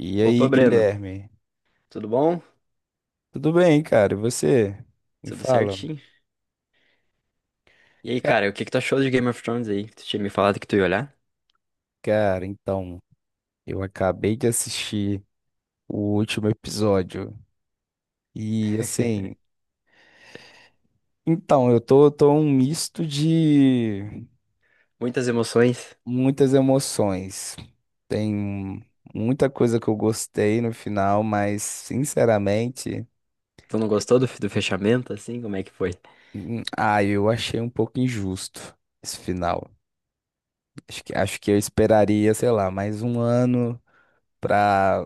E Opa, aí, Breno, Guilherme? tudo bom? Tudo bem, cara? E você? Me Tudo fala. certinho? E aí, Ca- cara, o que que tu achou de Game of Thrones aí? Que tu tinha me falado que tu ia olhar? Cara, então, eu acabei de assistir o último episódio. E assim, então, eu tô um misto de Muitas emoções. muitas emoções. Tem muita coisa que eu gostei no final, mas sinceramente, Tu não gostou do fechamento, assim? Como é que foi? Eu achei um pouco injusto esse final. Acho que eu esperaria, sei lá, mais um ano. Pra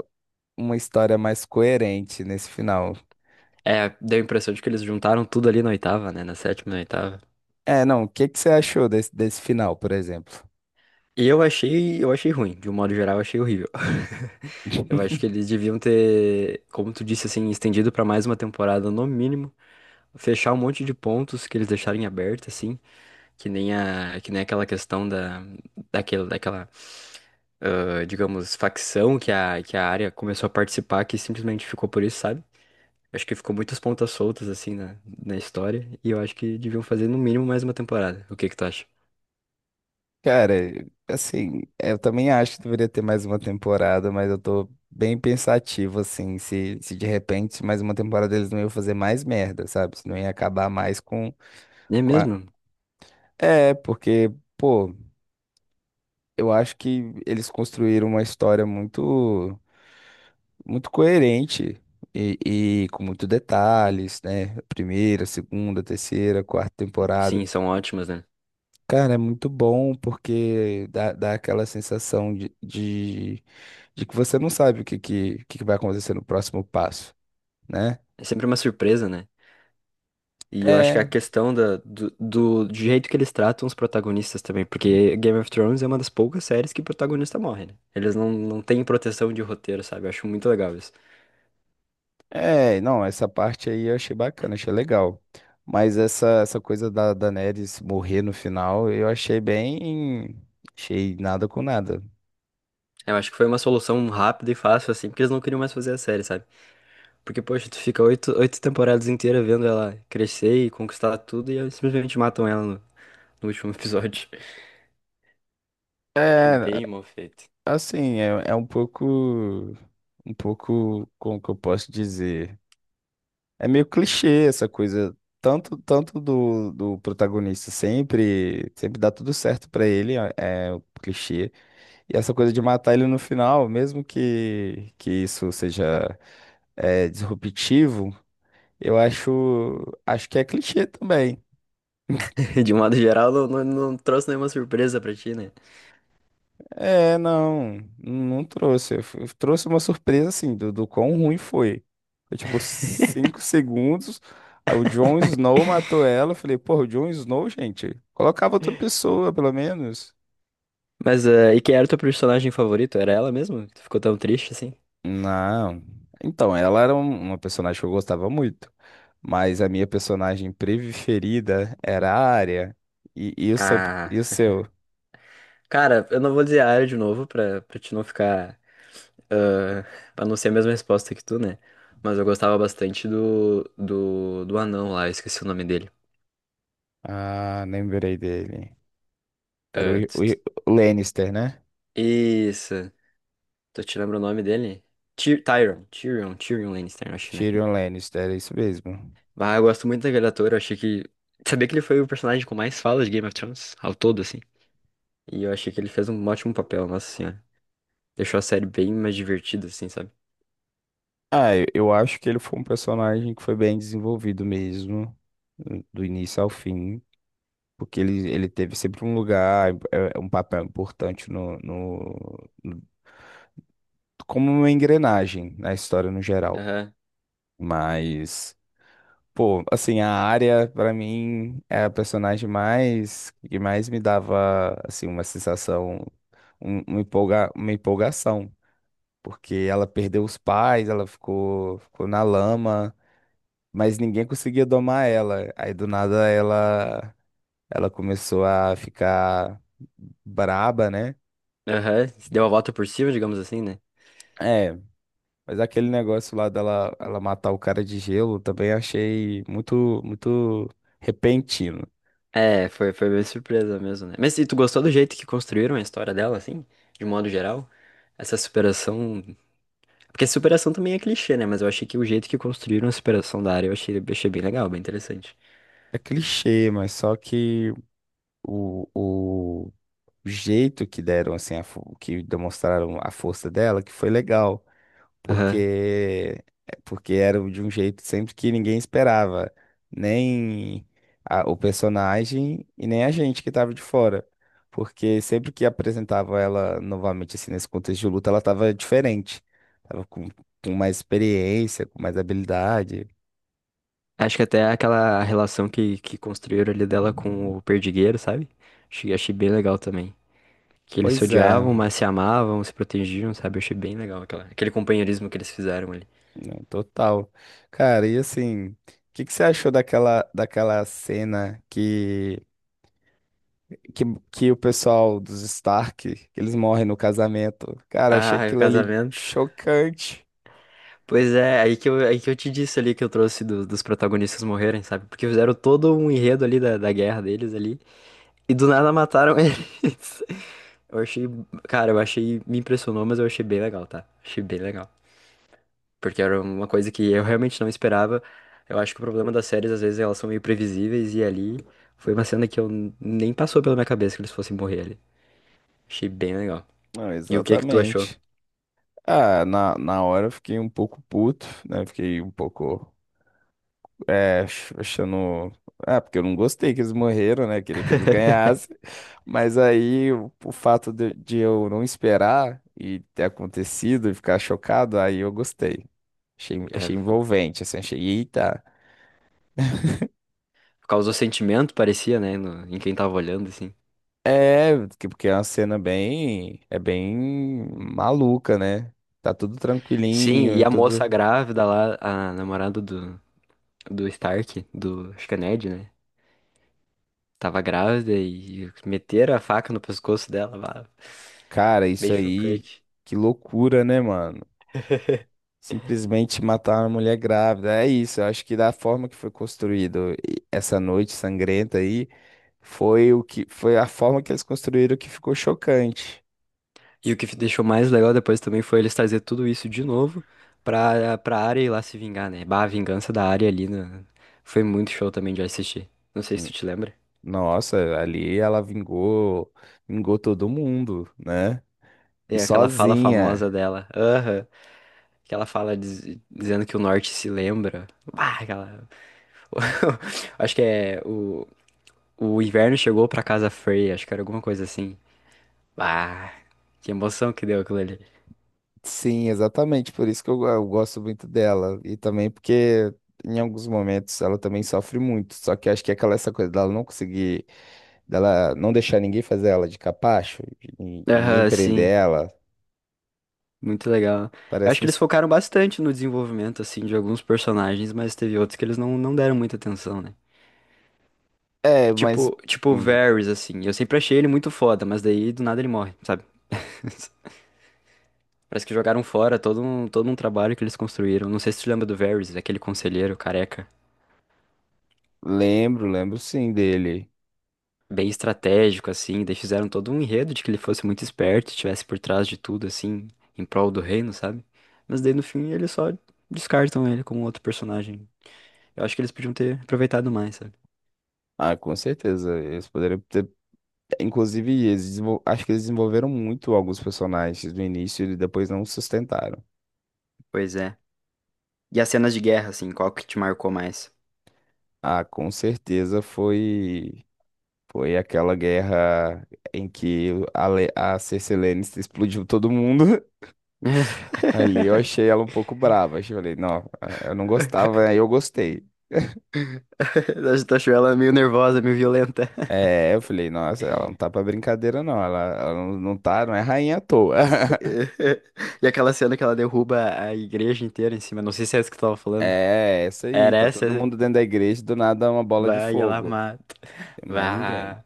uma história mais coerente nesse final. É, deu a impressão de que eles juntaram tudo ali na oitava, né? Na sétima, e na oitava. É, não, o que que você achou desse final, por exemplo? Eu achei ruim. De um modo geral, eu achei horrível. Eu acho que eles deviam ter, como tu disse, assim, estendido pra mais uma temporada no mínimo. Fechar um monte de pontos que eles deixarem aberto, assim. Que nem a, que nem aquela questão da, daquele, daquela, ah, digamos, facção que a área começou a participar, que simplesmente ficou por isso, sabe? Acho que ficou muitas pontas soltas, assim, na, na história, e eu acho que deviam fazer no mínimo mais uma temporada. O que que tu acha? Cara, assim, eu também acho que deveria ter mais uma temporada, mas eu tô bem pensativo, assim, se de repente mais uma temporada eles não iam fazer mais merda, sabe? Se não ia acabar mais com, É com a... mesmo? É, porque, pô, eu acho que eles construíram uma história muito coerente e, e com muitos detalhes, né? Primeira, segunda, terceira, quarta temporada. Sim, são ótimas, né? Cara, é muito bom porque dá aquela sensação de que você não sabe o que vai acontecer no próximo passo, né? É sempre uma surpresa, né? E eu acho que a É, questão da, do, do jeito que eles tratam os protagonistas também, porque Game of Thrones é uma das poucas séries que o protagonista morre, né? Eles não, não têm proteção de roteiro, sabe? Eu acho muito legal isso. é, não, essa parte aí eu achei bacana, achei legal. Mas essa coisa da Daenerys morrer no final, eu achei bem. Achei nada com nada. Eu acho que foi uma solução rápida e fácil, assim, porque eles não queriam mais fazer a série, sabe? Porque, poxa, tu fica oito temporadas inteiras vendo ela crescer e conquistar tudo e aí simplesmente matam ela no, no último episódio. Achei É. bem mal feito. Assim, é um pouco, como que eu posso dizer? É meio clichê essa coisa, tanto do protagonista sempre dá tudo certo pra ele, é o clichê. E essa coisa de matar ele no final, mesmo que isso seja disruptivo, eu acho que é clichê também. De um modo geral, não, não, não trouxe nenhuma surpresa pra ti, né? É, não, não trouxe. Trouxe uma surpresa, assim, do quão ruim foi. Foi tipo 5 segundos, aí o Jon Snow matou ela. Eu falei, porra, o Jon Snow, gente, colocava outra pessoa, pelo menos. Mas, e quem era o teu personagem favorito? Era ela mesmo? Que tu ficou tão triste, assim? Não. Então, ela era uma personagem que eu gostava muito, mas a minha personagem preferida era a Arya. E, e o seu, Ah, e o seu? cara, eu não vou dizer a área de novo pra, pra te não ficar ah, pra não ser a mesma resposta que tu, né? Mas eu gostava bastante do, do, do anão lá, eu esqueci o nome dele. Ah, lembrei dele. Era Ah, tss, o tss. o Lannister, né? Isso. Tu te lembra o nome dele? Tyrion, Tyrion, Tyrion Lannister, eu acho, né? Tyrion Lannister, é isso mesmo. Ah, eu gosto muito daquele ator, eu achei que... Sabia que ele foi o personagem com mais falas de Game of Thrones, ao todo, assim. E eu achei que ele fez um ótimo papel, nossa senhora. Deixou a série bem mais divertida, assim, sabe? Ah, eu acho que ele foi um personagem que foi bem desenvolvido mesmo, do início ao fim, porque ele teve sempre um lugar, um papel importante no- como uma engrenagem na história no geral. Aham, Mas, pô, assim, a área pra mim, é a personagem que mais me dava, assim, uma sensação, uma empolgação, porque ela perdeu os pais, ela ficou na lama. Mas ninguém conseguia domar ela. Aí do nada ela começou a ficar braba, né? aham. Deu a volta por cima, digamos assim, né? É, mas aquele negócio lá dela ela matar o cara de gelo também achei muito muito repentino. É, foi, foi bem surpresa mesmo, né? Mas e tu gostou do jeito que construíram a história dela, assim? De modo geral? Essa superação. Porque a superação também é clichê, né? Mas eu achei que o jeito que construíram a superação da área eu achei bem legal, bem interessante. É clichê, mas só que o jeito que deram assim que demonstraram a força dela que foi legal. Aham. porque porque era de um jeito sempre que ninguém esperava, nem o personagem e nem a gente que estava de fora. Porque sempre que apresentava ela novamente assim nesse contexto de luta, ela estava diferente, tava com mais experiência, com mais habilidade. Acho que até aquela relação que construíram ali dela com o perdigueiro, sabe? Achei, achei bem legal também. Que eles se Pois odiavam, é, mas se amavam, se protegiam, sabe? Eu achei bem legal aquela, aquele companheirismo que eles fizeram ali. não, total. Cara, e assim, o que que você achou daquela cena que, que o pessoal dos Stark, eles morrem no casamento. Cara, achei Ah, e o aquilo ali casamento. chocante. Pois é, aí que eu te disse ali que eu trouxe dos protagonistas morrerem, sabe? Porque fizeram todo um enredo ali da, da guerra deles ali, e do nada mataram eles. Eu achei, cara, eu achei, me impressionou, mas eu achei bem legal, tá? Achei bem legal. Porque era uma coisa que eu realmente não esperava. Eu acho que o problema das séries, às vezes, elas são meio previsíveis, e ali foi uma cena que nem passou pela minha cabeça que eles fossem morrer ali. Achei bem legal. Não, E o que que tu achou? exatamente. Ah, na hora eu fiquei um pouco puto, né? Fiquei um pouco, achando... Ah, porque eu não gostei que eles morreram, né? Queria que eles ganhassem. Mas aí, o fato de eu não esperar e ter acontecido e ficar chocado, aí eu gostei. Achei, É, achei envolvente, assim, achei, eita. causou sentimento, parecia, né, em quem tava olhando, assim. É, porque é uma cena é bem maluca, né? Tá tudo Sim, e tranquilinho, a moça tudo. grávida lá, a namorada do, do Stark, do, acho que é Ned, né? Tava grávida e meteram a faca no pescoço dela, lá. Cara, isso Bem aí, chocante. que loucura, né, mano? Simplesmente matar uma mulher grávida. É isso, eu acho que da forma que foi construído essa noite sangrenta aí, foi a forma que eles construíram que ficou chocante. E o que deixou mais legal depois também foi eles trazer tudo isso de novo pra, pra Arya ir lá se vingar, né? Bah, a vingança da Arya ali né? Foi muito show também de assistir. Não sei se tu te lembra. Nossa, ali ela vingou todo mundo, né? E É aquela fala famosa sozinha. dela. Aham. Que ela fala dizendo que o norte se lembra. Bah, aquela. Acho que é o. O inverno chegou pra casa fria, acho que era alguma coisa assim. Ah, que emoção que deu aquilo ali. Sim, exatamente, por isso que eu gosto muito dela. E também porque em alguns momentos ela também sofre muito. Só que eu acho que é aquela essa coisa dela não deixar ninguém fazer ela de capacho, de ninguém Aham, prender sim, ela. muito legal. Eu acho Parece que um. eles focaram bastante no desenvolvimento, assim, de alguns personagens, mas teve outros que eles não, não deram muita atenção, né? É, mas Tipo o hum, Varys, assim, eu sempre achei ele muito foda, mas daí do nada ele morre, sabe? Parece que jogaram fora todo um trabalho que eles construíram. Não sei se tu lembra do Varys, aquele conselheiro careca. lembro sim dele. Bem estratégico, assim. Daí fizeram todo um enredo de que ele fosse muito esperto, estivesse por trás de tudo, assim, em prol do reino, sabe? Mas daí no fim eles só descartam ele como outro personagem. Eu acho que eles podiam ter aproveitado mais, sabe? Ah, com certeza. Eles poderiam ter. Inclusive, eles acho que eles desenvolveram muito alguns personagens no início e depois não sustentaram. Pois é. E as cenas de guerra, assim, qual que te marcou mais? Ah, com certeza foi. Foi aquela guerra em que a Cersei Lannister explodiu todo mundo. Ali eu achei ela um pouco brava. Eu falei, não, eu não gostava, aí eu gostei. Acho achou ela meio nervosa, meio violenta. É, eu falei, nossa, ela não tá pra brincadeira, não. Ela não é rainha à toa. E aquela cena que ela derruba a igreja inteira em cima, não sei se é essa que tu tava falando. É, essa aí, Era tá todo essa? mundo dentro da igreja, do nada uma bola de Vai, ela fogo. mata. Tem mais ninguém. Vá.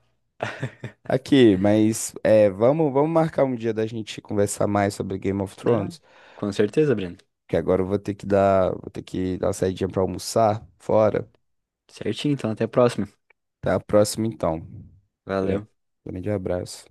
Aqui, mas é, vamos marcar um dia da gente conversar mais sobre Game of Ah, Thrones? com certeza, Breno. Que agora eu vou ter que dar, uma saidinha pra almoçar fora. Certinho, então até a próxima. Até a próxima, então. Grande Valeu. grande abraço.